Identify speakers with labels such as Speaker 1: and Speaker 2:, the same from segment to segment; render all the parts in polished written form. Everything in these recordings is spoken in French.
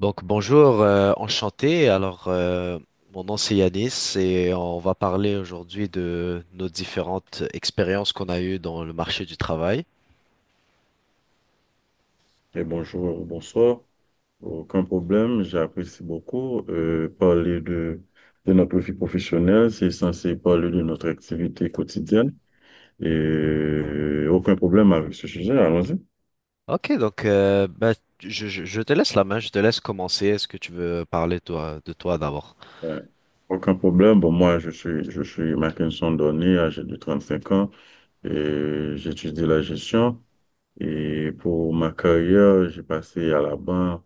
Speaker 1: Donc bonjour, enchanté. Mon nom c'est Yanis et on va parler aujourd'hui de nos différentes expériences qu'on a eues dans le marché du travail.
Speaker 2: Et bonjour, bonsoir. Aucun problème, j'apprécie beaucoup. Parler de notre vie professionnelle, c'est censé parler de notre activité quotidienne. Et aucun problème avec ce sujet, allons-y.
Speaker 1: Ok, je te laisse la main, je te laisse commencer. Est-ce que tu veux parler toi, de toi d'abord?
Speaker 2: Euh, Aucun problème. Bon, moi, je suis Mackinson Donné, âgé de 35 ans, et j'étudie la gestion. Et pour ma carrière, j'ai passé à la banque,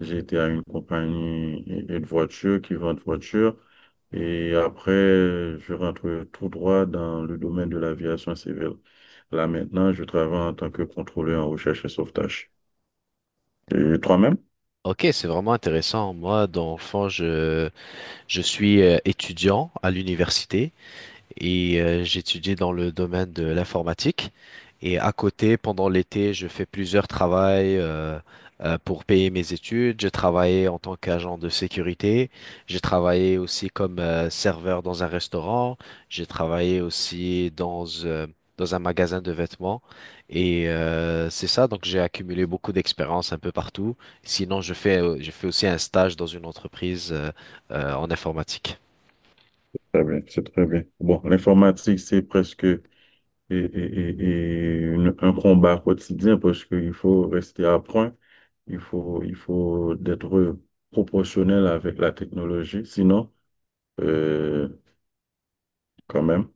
Speaker 2: j'ai été à une compagnie de voitures qui vend de voitures. Et après, je rentre tout droit dans le domaine de l'aviation civile. Là maintenant, je travaille en tant que contrôleur en recherche et sauvetage. Et toi-même?
Speaker 1: Ok, c'est vraiment intéressant. Moi, dans le fond, je suis étudiant à l'université et j'étudie dans le domaine de l'informatique. Et à côté, pendant l'été, je fais plusieurs travails pour payer mes études. J'ai travaillé en tant qu'agent de sécurité. J'ai travaillé aussi comme serveur dans un restaurant. J'ai travaillé aussi dans un magasin de vêtements. Et c'est ça, donc j'ai accumulé beaucoup d'expérience un peu partout. Sinon, je fais aussi un stage dans une entreprise en informatique.
Speaker 2: Très bien, c'est très bien. Bon, l'informatique, c'est presque un combat quotidien parce qu'il faut rester à point, il faut d'être proportionnel avec la technologie. Sinon, euh, quand même,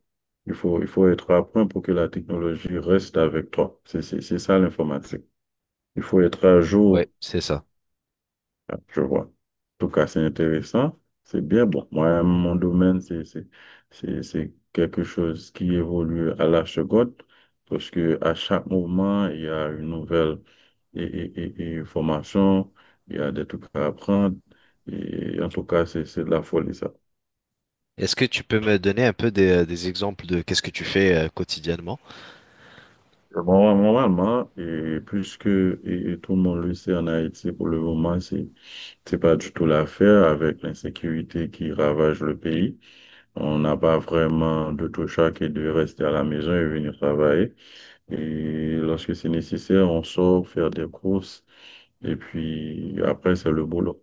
Speaker 2: il faut être à point pour que la technologie reste avec toi. C'est ça l'informatique. Il faut être à
Speaker 1: Oui,
Speaker 2: jour.
Speaker 1: c'est ça.
Speaker 2: Ah, je vois. En tout cas, c'est intéressant. C'est bien. Bon, moi, mon domaine, c'est quelque chose qui évolue à la seconde, parce que à chaque moment, il y a une nouvelle formation, il y a des trucs à apprendre. Et en tout cas, c'est de la folie, ça.
Speaker 1: Est-ce que tu peux me donner un peu des exemples de qu'est-ce que tu fais quotidiennement?
Speaker 2: Bon, normalement, et puisque tout le monde le sait en Haïti, pour le moment, c'est pas du tout l'affaire avec l'insécurité qui ravage le pays. On n'a pas vraiment d'autre choix que de rester à la maison et venir travailler. Et lorsque c'est nécessaire, on sort faire des courses. Et puis après, c'est le boulot.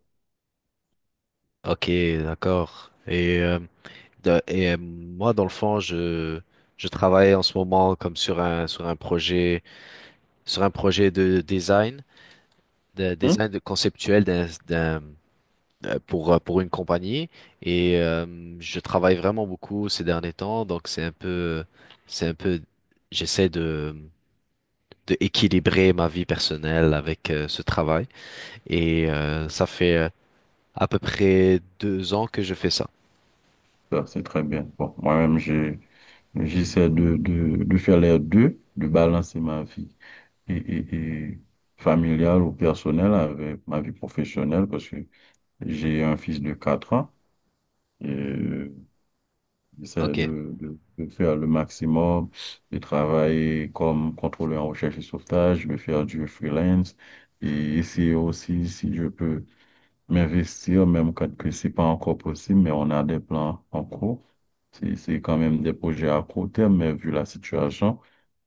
Speaker 1: Ok, d'accord. Moi, dans le fond, je travaille en ce moment comme sur un projet de design, de
Speaker 2: Hmm?
Speaker 1: design de conceptuel pour une compagnie. Et je travaille vraiment beaucoup ces derniers temps, donc c'est un peu, j'essaie de équilibrer ma vie personnelle avec ce travail. Et ça fait à peu près deux ans que je fais ça.
Speaker 2: Ça, c'est très bien. Bon, moi-même, j'essaie de faire les deux, de balancer ma vie et, et, et familiale ou personnelle avec ma vie professionnelle parce que j'ai un fils de 4 ans. Et c'est
Speaker 1: Ok,
Speaker 2: de faire le maximum, de travailler comme contrôleur en recherche et sauvetage, de faire du freelance. Et essayer aussi, si je peux m'investir, même quand que c'est pas encore possible, mais on a des plans en cours. C'est quand même des projets à court terme, mais vu la situation,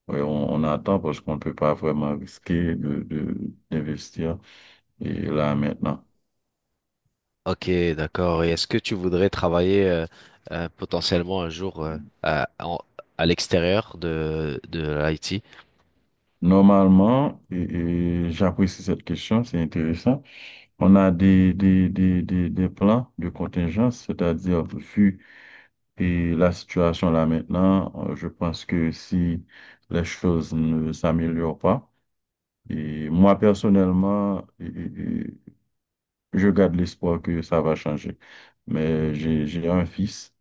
Speaker 2: ouais, on attend parce qu'on ne peut pas vraiment risquer d'investir et là maintenant.
Speaker 1: ok, d'accord. Et est-ce que tu voudrais travailler potentiellement un jour à l'extérieur de l'IT?
Speaker 2: Normalement, et j'apprécie cette question, c'est intéressant. On a des plans de contingence, c'est-à-dire vu et la situation là maintenant, je pense que si les choses ne s'améliorent pas, et moi personnellement, je garde l'espoir que ça va changer. Mais j'ai un fils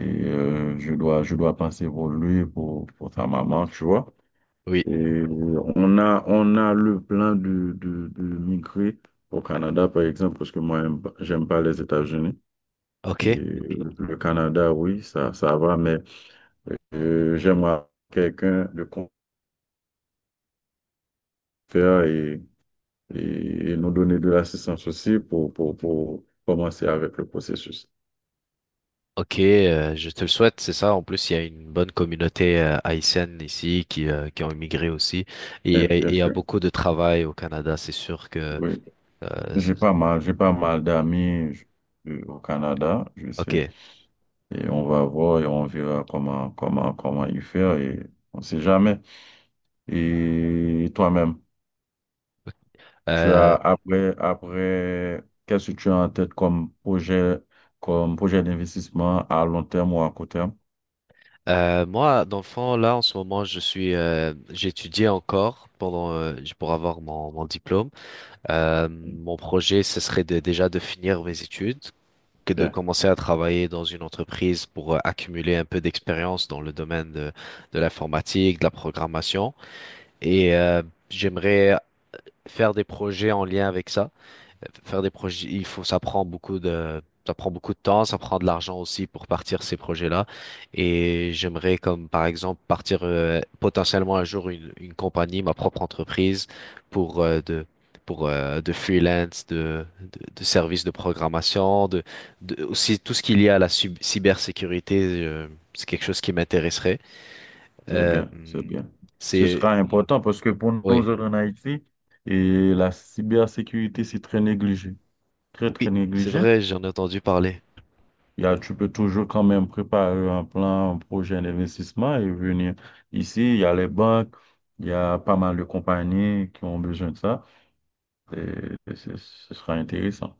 Speaker 2: et je dois penser pour lui, pour sa maman, tu vois.
Speaker 1: Oui.
Speaker 2: Et on a le plan de migrer au Canada, par exemple, parce que moi, j'aime pas les États-Unis.
Speaker 1: Ok,
Speaker 2: Et le Canada, oui, ça va, mais j'aimerais quelqu'un de confère et, nous donner de l'assistance aussi pour commencer avec le processus.
Speaker 1: Ok, je te le souhaite, c'est ça. En plus, il y a une bonne communauté haïtienne ici qui ont immigré aussi. Et
Speaker 2: Eh, bien
Speaker 1: il y a
Speaker 2: sûr,
Speaker 1: beaucoup de travail au Canada, c'est sûr que…
Speaker 2: oui.
Speaker 1: euh, c-
Speaker 2: J'ai pas mal d'amis au Canada, je
Speaker 1: ok.
Speaker 2: sais. Et on va voir et on verra comment, comment y faire et on sait jamais. Et toi-même, tu as
Speaker 1: Euh,
Speaker 2: après, qu'est-ce que tu as en tête comme projet d'investissement à long terme ou à court terme?
Speaker 1: moi, dans le fond, là, en ce moment, je suis… j'étudie encore pendant, pour avoir mon diplôme. Mon projet, ce serait de- déjà de finir mes études. Que de
Speaker 2: Bien,
Speaker 1: commencer à travailler dans une entreprise pour accumuler un peu d'expérience dans le domaine de l'informatique, de la programmation. Et j'aimerais faire des projets en lien avec ça. Faire des projets, il faut, ça prend ça prend beaucoup de temps, ça prend de l'argent aussi pour partir ces projets-là. Et j'aimerais comme par exemple partir potentiellement un jour une compagnie, ma propre entreprise pour euh, de pour de freelance, de services de programmation, de aussi tout ce qu'il y a à la sub- cybersécurité, c'est quelque chose qui m'intéresserait.
Speaker 2: c'est
Speaker 1: Euh,
Speaker 2: bien, c'est bien. Ce
Speaker 1: c'est
Speaker 2: sera important parce que pour nous
Speaker 1: oui.
Speaker 2: autres en Haïti, et la cybersécurité, c'est très négligé, très,
Speaker 1: Oui,
Speaker 2: très
Speaker 1: c'est
Speaker 2: négligé.
Speaker 1: vrai, j'en ai entendu parler.
Speaker 2: Il y a- tu peux toujours quand même préparer un plan, un projet d'investissement et venir ici. Il y a les banques, il y a pas mal de compagnies qui ont besoin de ça. Et ce sera intéressant.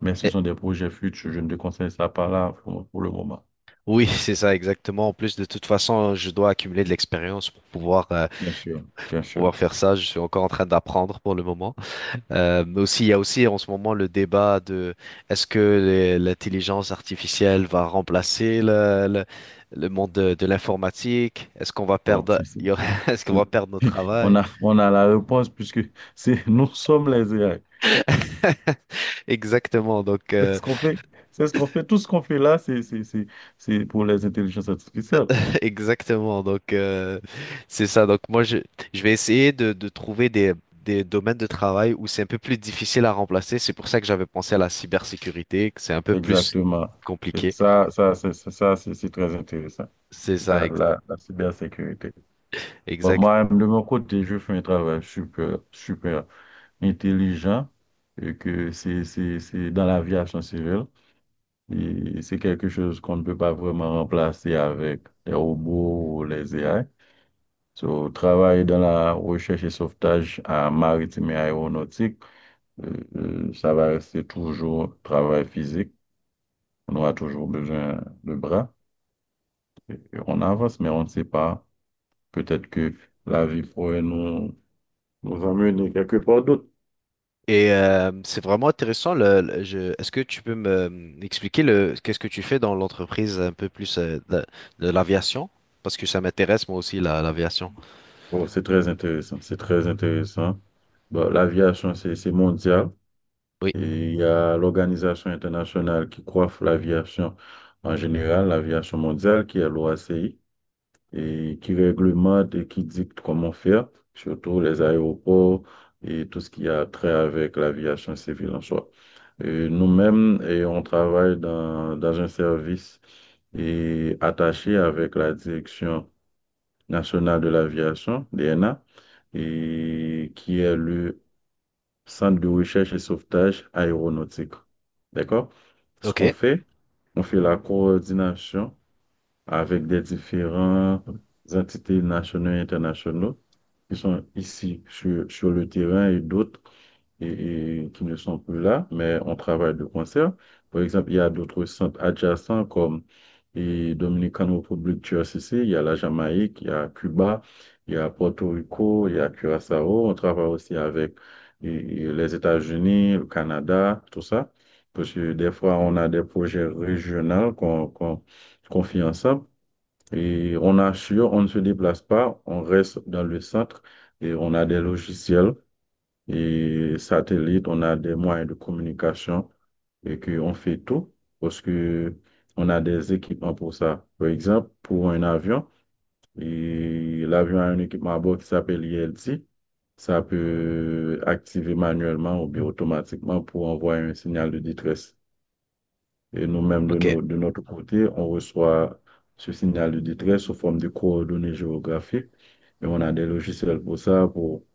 Speaker 2: Mais ce
Speaker 1: Eh,
Speaker 2: sont des projets futurs. Je ne te conseille ça pas là pour le moment.
Speaker 1: Oui, c'est ça exactement. En plus, de toute façon, je dois accumuler de l'expérience pour pouvoir
Speaker 2: Bien sûr, bien sûr.
Speaker 1: pouvoir faire ça. Je suis encore en train d'apprendre pour le moment. Mais aussi, il y a aussi en ce moment le débat de est-ce que l'intelligence artificielle va remplacer le monde de l'informatique? Est-ce qu'on va
Speaker 2: Bon,
Speaker 1: perdre est-ce qu'on
Speaker 2: c'est-
Speaker 1: va perdre notre travail?
Speaker 2: on a la réponse puisque nous sommes les AI.
Speaker 1: Exactement.
Speaker 2: C'est ce qu'on fait. C'est ce qu'on fait. Tout ce qu'on fait là, c'est pour les intelligences artificielles.
Speaker 1: Exactement, donc euh, c'est ça. Donc moi, je vais essayer de trouver des domaines de travail où c'est un peu plus difficile à remplacer. C'est pour ça que j'avais pensé à la cybersécurité, que c'est un peu plus
Speaker 2: Exactement.
Speaker 1: compliqué.
Speaker 2: Ça, ça, c'est très intéressant.
Speaker 1: C'est ça,
Speaker 2: La,
Speaker 1: ex-
Speaker 2: la cybersécurité. Bon,
Speaker 1: exact.
Speaker 2: moi, de mon côté, je fais un travail super, super intelligent et que c'est dans l'aviation civile. Et c'est quelque chose qu'on ne peut pas vraiment remplacer avec les robots ou les AI. So, travailler dans la recherche et sauvetage à maritime et aéronautique, euh, ça va rester toujours travail physique. On aura toujours besoin de bras. Et on avance, mais on ne sait pas. Peut-être que la vie pourrait nous emmener quelque part d'autre.
Speaker 1: Et c'est vraiment intéressant. Est-ce que tu peux me expliquer le, qu'est-ce que tu fais dans l'entreprise un peu plus de l'aviation? Parce que ça m'intéresse moi aussi, la, l'aviation.
Speaker 2: Bon, c'est très intéressant, c'est très intéressant. Bon, l'aviation, c'est mondial
Speaker 1: Oui,
Speaker 2: et il y a l'organisation internationale qui coiffe l'aviation en général, l'aviation mondiale, qui est l'OACI. Et qui réglemente et qui dicte comment faire, surtout les aéroports et tout ce qui a trait avec l'aviation civile en soi. Et nous-mêmes, et on travaille dans un service et attaché avec la Direction nationale de l'aviation, DNA, et qui est le Centre de recherche et sauvetage aéronautique. D'accord? Ce
Speaker 1: ok,
Speaker 2: qu'on fait, on fait la coordination avec des différentes entités nationaux et internationaux qui sont ici sur le terrain et d'autres et qui ne sont plus là, mais on travaille de concert. Par exemple, il y a d'autres centres adjacents comme et Dominican Republic, CC, il y a la Jamaïque, il y a Cuba, il y a Porto Rico, il y a Curaçao. On travaille aussi avec et les États-Unis, le Canada, tout ça. Parce que des fois, on a des projets régionaux qu'on fait ensemble. Et on assure, on ne se déplace pas, on reste dans le centre et on a des logiciels et satellites, on a des moyens de communication et qu'on fait tout parce que on a des équipements pour ça. Par exemple, pour un avion, et l'avion a un équipement à bord qui s'appelle ILT. Ça peut activer manuellement ou bien automatiquement pour envoyer un signal de détresse. Et nous-mêmes,
Speaker 1: ok,
Speaker 2: de notre côté, on reçoit ce signal de détresse sous forme de coordonnées géographiques. Et on a des logiciels pour ça, pour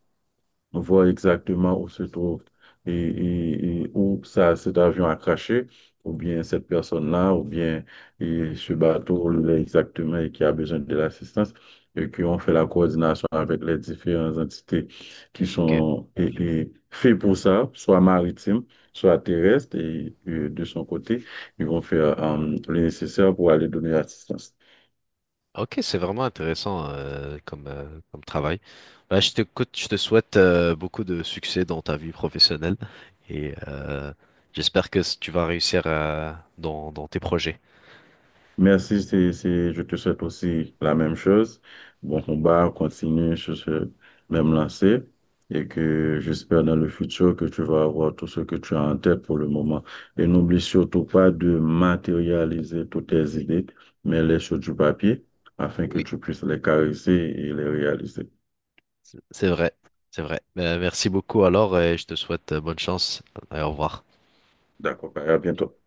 Speaker 2: voir exactement où se trouve et, et où ça, cet avion a craché, ou bien cette personne-là, ou bien et ce bateau là, exactement et qui a besoin de l'assistance, et qui ont fait la coordination avec les différentes entités qui
Speaker 1: ok.
Speaker 2: sont et faites pour ça, soit maritimes, soit terrestres, et, de son côté, ils vont faire le nécessaire pour aller donner l'assistance.
Speaker 1: Ok, c'est vraiment intéressant comme, comme travail. Bah, je t'écoute, je te souhaite beaucoup de succès dans ta vie professionnelle et j'espère que tu vas réussir dans, dans tes projets.
Speaker 2: Merci, je te souhaite aussi la même chose. Bon combat, continue sur ce même lancé et que j'espère dans le futur que tu vas avoir tout ce que tu as en tête pour le moment. Et n'oublie surtout pas de matérialiser toutes tes idées, mais les sur du papier afin que
Speaker 1: Oui.
Speaker 2: tu puisses les caresser et les réaliser.
Speaker 1: C'est vrai, c'est vrai. Merci beaucoup alors et je te souhaite bonne chance et au revoir.
Speaker 2: D'accord, à bientôt.